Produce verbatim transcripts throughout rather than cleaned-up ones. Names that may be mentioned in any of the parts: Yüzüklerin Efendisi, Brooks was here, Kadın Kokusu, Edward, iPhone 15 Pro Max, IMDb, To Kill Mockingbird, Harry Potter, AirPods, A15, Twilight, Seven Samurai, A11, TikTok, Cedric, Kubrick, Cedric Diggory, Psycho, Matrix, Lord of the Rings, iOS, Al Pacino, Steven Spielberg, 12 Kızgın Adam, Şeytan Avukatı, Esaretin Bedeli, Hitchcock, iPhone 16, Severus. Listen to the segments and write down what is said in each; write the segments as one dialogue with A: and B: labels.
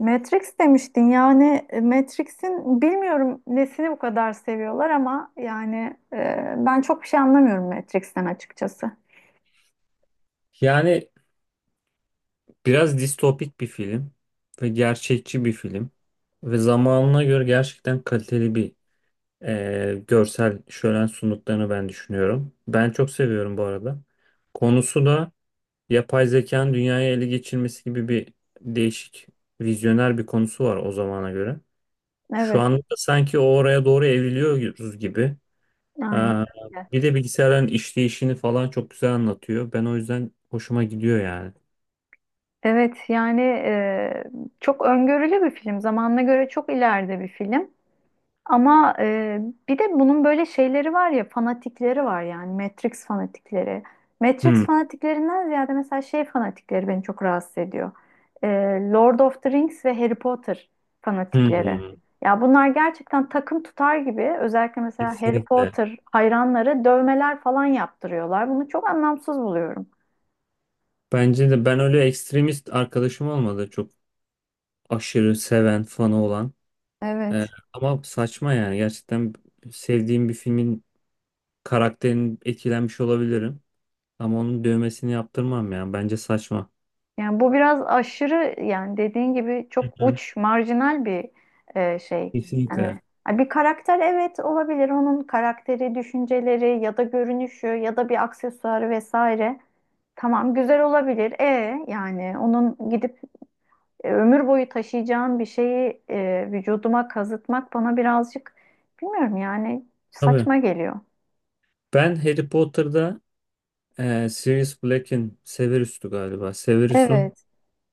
A: Matrix demiştin yani e, Matrix'in bilmiyorum nesini bu kadar seviyorlar ama yani e, ben çok bir şey anlamıyorum Matrix'ten açıkçası.
B: Yani biraz distopik bir film ve gerçekçi bir film ve zamanına göre gerçekten kaliteli bir e, görsel şölen sunduklarını ben düşünüyorum. Ben çok seviyorum bu arada. Konusu da yapay zekanın dünyaya ele geçirmesi gibi bir değişik vizyoner bir konusu var o zamana göre. Şu
A: Evet,
B: anda da sanki o oraya doğru evriliyoruz gibi.
A: aynen
B: Aa,
A: öyle.
B: bir de bilgisayarların işleyişini falan çok güzel anlatıyor. Ben o yüzden hoşuma gidiyor yani.
A: Evet yani e, çok öngörülü bir film. Zamanına göre çok ileride bir film. Ama e, bir de bunun böyle şeyleri var ya, fanatikleri var yani, Matrix fanatikleri.
B: Hmm.
A: Matrix fanatiklerinden ziyade mesela şey fanatikleri beni çok rahatsız ediyor. E, Lord of the Rings ve Harry Potter fanatikleri.
B: Hmm.
A: Ya bunlar gerçekten takım tutar gibi, özellikle mesela Harry
B: Kesinlikle.
A: Potter hayranları dövmeler falan yaptırıyorlar. Bunu çok anlamsız buluyorum.
B: Bence de ben öyle ekstremist arkadaşım olmadı. Çok aşırı seven, fanı olan. Ee,
A: Evet.
B: Ama saçma yani. Gerçekten sevdiğim bir filmin karakterini etkilenmiş olabilirim. Ama onun dövmesini yaptırmam yani. Bence saçma.
A: Yani bu biraz aşırı, yani dediğin gibi
B: Hı
A: çok
B: hı.
A: uç, marjinal bir e, şey. Yani
B: Kesinlikle.
A: ha, bir karakter evet olabilir. Onun karakteri, düşünceleri ya da görünüşü ya da bir aksesuarı vesaire. Tamam, güzel olabilir. E yani onun gidip e, ömür boyu taşıyacağım bir şeyi e, vücuduma kazıtmak bana birazcık, bilmiyorum yani,
B: Tabii.
A: saçma geliyor.
B: Ben Harry Potter'da e, Sirius Black'in Severus'tu galiba. Severus'un
A: Evet,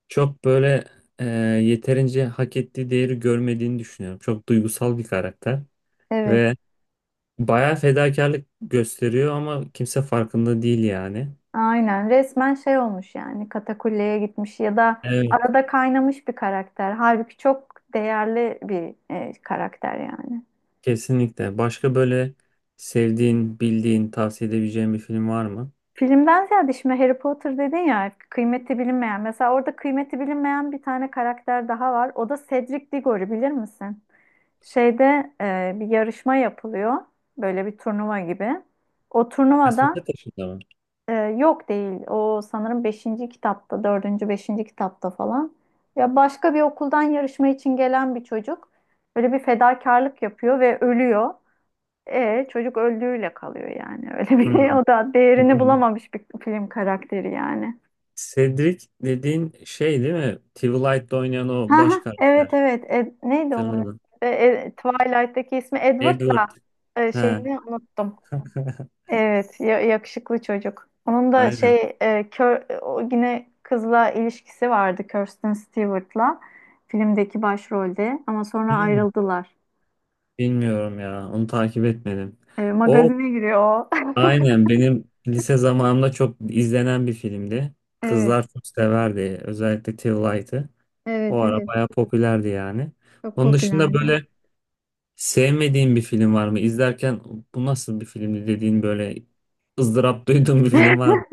B: çok böyle e, yeterince hak ettiği değeri görmediğini düşünüyorum. Çok duygusal bir karakter.
A: evet.
B: Ve bayağı fedakarlık gösteriyor ama kimse farkında değil yani.
A: Aynen, resmen şey olmuş yani, katakulleye gitmiş ya da
B: Evet.
A: arada kaynamış bir karakter. Halbuki çok değerli bir e, karakter yani.
B: Kesinlikle. Başka böyle sevdiğin, bildiğin, tavsiye edebileceğin bir film var mı?
A: Filmden ziyade şimdi Harry Potter dedin ya, kıymeti bilinmeyen. Mesela orada kıymeti bilinmeyen bir tane karakter daha var. O da Cedric Diggory, bilir misin? Şeyde e, bir yarışma yapılıyor. Böyle bir turnuva gibi. O
B: Felsefe
A: turnuvada.
B: Taşı'nda mı?
A: Ee, yok değil. O sanırım beşinci kitapta, dördüncü beşinci kitapta falan. Ya başka bir okuldan yarışma için gelen bir çocuk böyle bir fedakarlık yapıyor ve ölüyor. E, çocuk öldüğüyle kalıyor yani. Öyle bir
B: Hmm.
A: o da değerini bulamamış bir film karakteri yani.
B: Cedric dediğin şey değil mi? Twilight'te oynayan
A: Ha,
B: o baş
A: ha, evet
B: karakter.
A: evet. Ed- neydi onun ismi?
B: Hatırladım.
A: E, e, Twilight'teki ismi Edward
B: Edward.
A: da e,
B: He.
A: şeyini unuttum. Evet, ya- yakışıklı çocuk. Onun da
B: Aynen.
A: şey, e, kör, o yine kızla ilişkisi vardı, Kirsten Stewart'la filmdeki başrolde, ama sonra
B: Hmm.
A: ayrıldılar.
B: Bilmiyorum ya. Onu takip etmedim.
A: E,
B: O
A: magazine giriyor o.
B: Aynen benim lise zamanımda çok izlenen bir filmdi.
A: Evet,
B: Kızlar çok severdi. Özellikle Till. O
A: evet,
B: ara
A: evet.
B: bayağı popülerdi yani.
A: Çok
B: Onun dışında
A: popülerdi.
B: böyle sevmediğin bir film var mı? İzlerken bu nasıl bir filmdi dediğin böyle ızdırap duyduğun bir film var mı?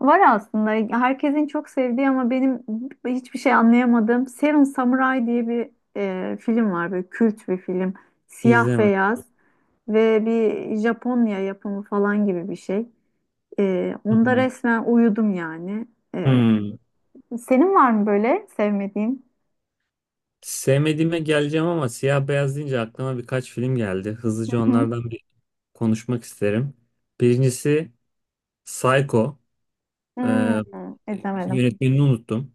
A: Var aslında, herkesin çok sevdiği ama benim hiçbir şey anlayamadığım Seven Samurai diye bir e, film var. Böyle kült bir film. Siyah
B: İzleme.
A: beyaz ve bir Japonya yapımı falan gibi bir şey. Ee,
B: Hı
A: onda
B: hı.
A: resmen uyudum yani. Ee,
B: Hmm.
A: senin var mı böyle sevmediğin?
B: Sevmediğime geleceğim ama siyah beyaz deyince aklıma birkaç film geldi. Hızlıca
A: Hı hı.
B: onlardan bir konuşmak isterim. Birincisi Psycho.
A: Hmm,
B: Ee,
A: izlemedim.
B: Yönetmenini unuttum.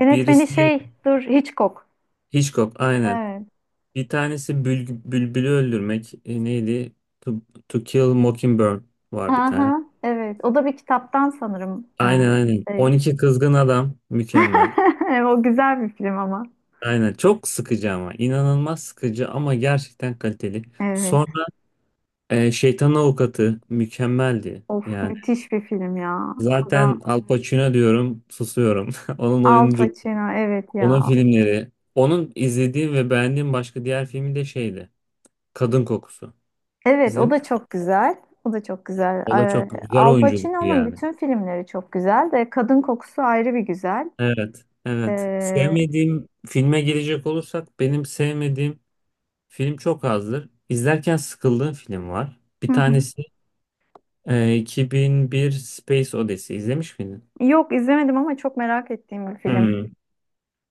A: Yönetmeni
B: Birisi
A: şey, dur, Hitchcock.
B: Hitchcock, aynen.
A: Evet.
B: Bir tanesi bül, bülbülü öldürmek. E, neydi? To, To Kill Mockingbird var bir tane.
A: Aha, evet. O da bir kitaptan sanırım. Ee,
B: Aynen, aynen.
A: şey.
B: on iki Kızgın Adam mükemmel.
A: O güzel bir film ama.
B: Aynen çok sıkıcı ama inanılmaz sıkıcı ama gerçekten kaliteli.
A: Evet.
B: Sonra e, Şeytan Avukatı mükemmeldi.
A: Of,
B: Yani
A: müthiş bir film ya. O da
B: zaten Al Pacino diyorum susuyorum. Onun
A: Al
B: oyuncu,
A: Pacino, evet
B: Onun
A: ya.
B: filmleri. Onun izlediğim ve beğendiğim başka diğer filmi de şeydi. Kadın Kokusu.
A: Evet, o
B: İzledin.
A: da çok güzel. O da çok güzel.
B: O da
A: Ee,
B: çok güzel
A: Al
B: oyunculuktu
A: Pacino'nun
B: yani.
A: bütün filmleri çok güzel de Kadın Kokusu ayrı bir güzel.
B: Evet, evet.
A: Ee,
B: Sevmediğim filme girecek olursak benim sevmediğim film çok azdır. İzlerken sıkıldığım film var. Bir
A: hı hı.
B: tanesi e, iki bin bir Space Odyssey. İzlemiş miydin?
A: Yok, izlemedim ama çok merak ettiğim bir film.
B: Hmm.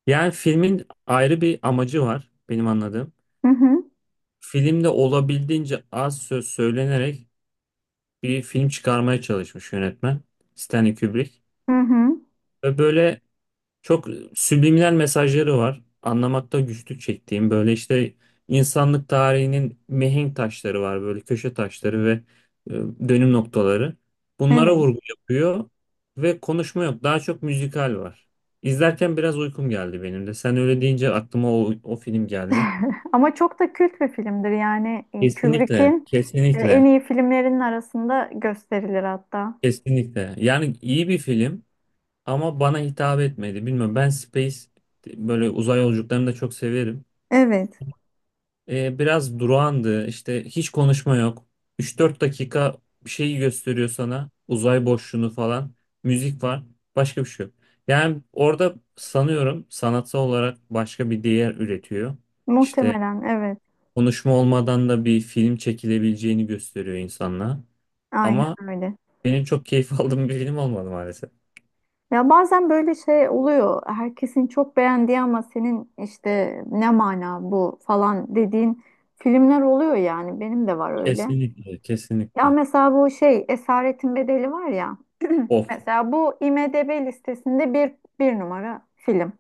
B: Yani filmin ayrı bir amacı var benim anladığım.
A: Hı hı.
B: Filmde olabildiğince az söz söylenerek bir film çıkarmaya çalışmış yönetmen Stanley Kubrick.
A: Hı hı.
B: Ve böyle çok subliminal mesajları var. Anlamakta güçlük çektiğim böyle işte insanlık tarihinin mihenk taşları var böyle köşe taşları ve e, dönüm noktaları. Bunlara
A: Evet.
B: vurgu yapıyor ve konuşma yok. Daha çok müzikal var. İzlerken biraz uykum geldi benim de. Sen öyle deyince aklıma o, o film geldi.
A: Ama çok da kült bir filmdir yani, e,
B: Kesinlikle,
A: Kubrick'in e, en
B: kesinlikle,
A: iyi filmlerinin arasında gösterilir hatta.
B: kesinlikle. Yani iyi bir film ama bana hitap etmedi. Bilmiyorum ben Space böyle uzay yolculuklarını da çok severim.
A: Evet.
B: E, biraz durağandı. İşte hiç konuşma yok. Üç dört dakika bir şeyi gösteriyor sana. Uzay boşluğunu falan. Müzik var. Başka bir şey yok. Yani orada sanıyorum sanatsal olarak başka bir değer üretiyor. İşte
A: Muhtemelen evet.
B: konuşma olmadan da bir film çekilebileceğini gösteriyor insanlığa.
A: Aynen
B: Ama
A: öyle.
B: benim çok keyif aldığım bir film olmadı maalesef.
A: Ya bazen böyle şey oluyor. Herkesin çok beğendiği ama senin işte "ne mana bu?" falan dediğin filmler oluyor yani. Benim de var öyle.
B: Kesinlikle,
A: Ya
B: kesinlikle.
A: mesela bu şey Esaretin Bedeli var ya.
B: Of.
A: Mesela bu IMDb listesinde bir, bir numara film.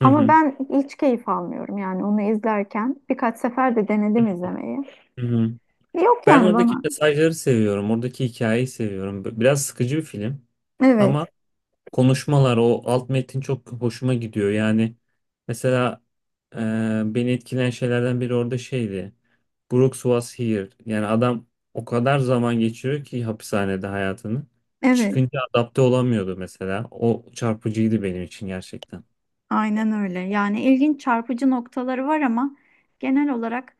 B: Hı hı.
A: ben hiç keyif almıyorum yani onu izlerken. Birkaç sefer de denedim izlemeyi.
B: Hı hı.
A: Yok
B: Ben
A: yani
B: oradaki
A: bana.
B: mesajları seviyorum. Oradaki hikayeyi seviyorum. B- Biraz sıkıcı bir film. Ama
A: Evet,
B: konuşmalar, o alt metin çok hoşuma gidiyor. Yani mesela e, beni etkileyen şeylerden biri orada şeydi. Brooks was here. Yani adam o kadar zaman geçiriyor ki hapishanede hayatını.
A: evet.
B: Çıkınca adapte olamıyordu mesela. O çarpıcıydı benim için gerçekten.
A: Aynen öyle. Yani ilginç, çarpıcı noktaları var ama genel olarak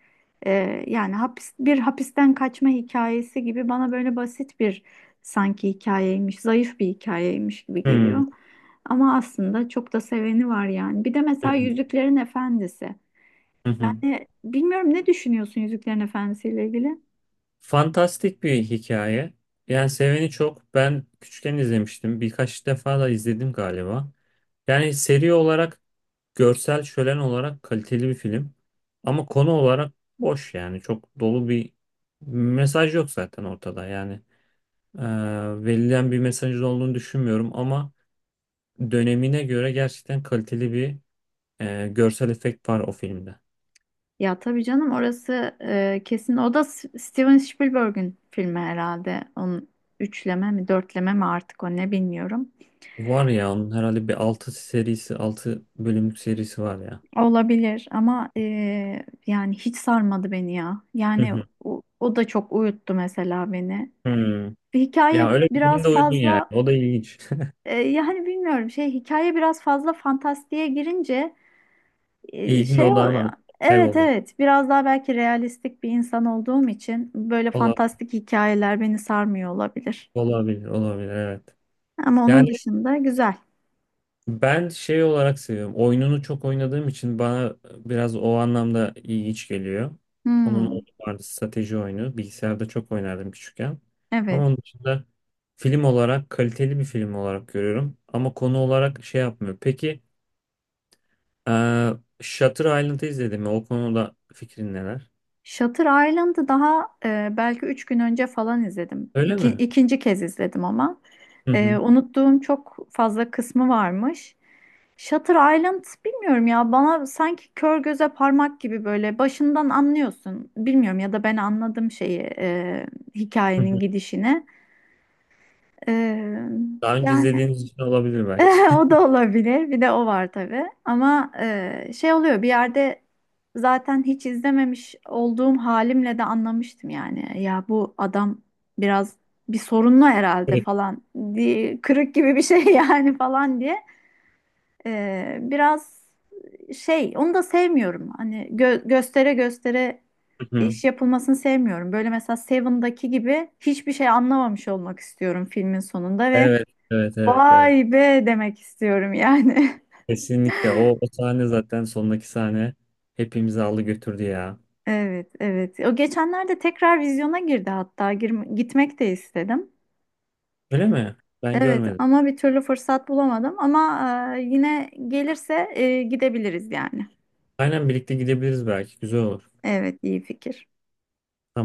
A: e, yani hapis, bir hapisten kaçma hikayesi gibi, bana böyle basit bir, sanki hikayeymiş, zayıf bir hikayeymiş gibi geliyor.
B: Hmm.
A: Ama aslında çok da seveni var yani. Bir de mesela Yüzüklerin Efendisi. Yani bilmiyorum, ne düşünüyorsun Yüzüklerin Efendisi ile ilgili?
B: Fantastik bir hikaye. Yani seveni çok. Ben küçükken izlemiştim. Birkaç defa da izledim galiba. Yani seri olarak görsel şölen olarak kaliteli bir film. Ama konu olarak boş yani. Çok dolu bir mesaj yok zaten ortada. Yani e, verilen bir mesajın olduğunu düşünmüyorum ama dönemine göre gerçekten kaliteli bir e, görsel efekt var o filmde.
A: Ya tabii canım, orası e, kesin. O da S- Steven Spielberg'ün filmi herhalde. Onun üçleme mi dörtleme mi, artık o ne bilmiyorum.
B: Var ya onun herhalde bir altı serisi, altı bölümlük serisi var ya.
A: Olabilir ama e, yani hiç sarmadı beni ya.
B: Hı
A: Yani
B: hı.
A: o, o da çok uyuttu mesela beni.
B: Hmm.
A: Ve hikaye
B: Ya öyle bir
A: biraz
B: filmde uydun yani.
A: fazla,
B: O da ilginç.
A: e, yani bilmiyorum, şey, hikaye biraz fazla fantastiğe girince e,
B: İlgin
A: şey oluyor.
B: odağına
A: Evet
B: kayboluyor.
A: evet, biraz daha belki realistik bir insan olduğum için böyle
B: Olabilir,
A: fantastik hikayeler beni sarmıyor olabilir.
B: olabilir, olabilir, evet.
A: Ama onun
B: Yani
A: dışında güzel.
B: ben şey olarak seviyorum. Oyununu çok oynadığım için bana biraz o anlamda iyi iç geliyor. Onun oyunu
A: Hmm,
B: vardı strateji oyunu. Bilgisayarda çok oynardım küçükken. Ama
A: evet.
B: onun dışında film olarak kaliteli bir film olarak görüyorum. Ama konu olarak şey yapmıyor. Peki eee Shutter Island'ı izledin mi? O konuda fikrin neler?
A: Shutter Island'ı daha e, belki üç gün önce falan izledim.
B: Öyle
A: İki,
B: mi?
A: ikinci kez izledim ama.
B: Hı
A: E,
B: hı.
A: unuttuğum çok fazla kısmı varmış. Shutter Island, bilmiyorum ya, bana sanki kör göze parmak gibi, böyle başından anlıyorsun. Bilmiyorum ya da ben anladım şeyi, e,
B: Hı
A: hikayenin
B: hı.
A: gidişini. Ee,
B: Daha önce
A: yani
B: izlediğiniz için olabilir belki.
A: o da olabilir. Bir de o var tabii. Ama e, şey oluyor bir yerde, zaten hiç izlememiş olduğum halimle de anlamıştım yani. Ya bu adam biraz bir sorunlu herhalde
B: Evet.
A: falan diye, kırık gibi bir şey yani falan diye. Ee, biraz şey, onu da sevmiyorum. Hani gö- göstere göstere
B: Hı hı.
A: iş yapılmasını sevmiyorum. Böyle mesela Seven'daki gibi hiçbir şey anlamamış olmak istiyorum filmin sonunda ve
B: Evet, evet, evet, evet.
A: "Vay be!" demek istiyorum yani.
B: Kesinlikle o, o sahne zaten sondaki sahne hepimizi aldı götürdü ya.
A: Evet, evet. O geçenlerde tekrar vizyona girdi hatta. Gir- gitmek de istedim.
B: Öyle mi? Ben
A: Evet,
B: görmedim.
A: ama bir türlü fırsat bulamadım. Ama e, yine gelirse e, gidebiliriz yani.
B: Aynen birlikte gidebiliriz belki. Güzel olur.
A: Evet, iyi fikir.
B: Tamam.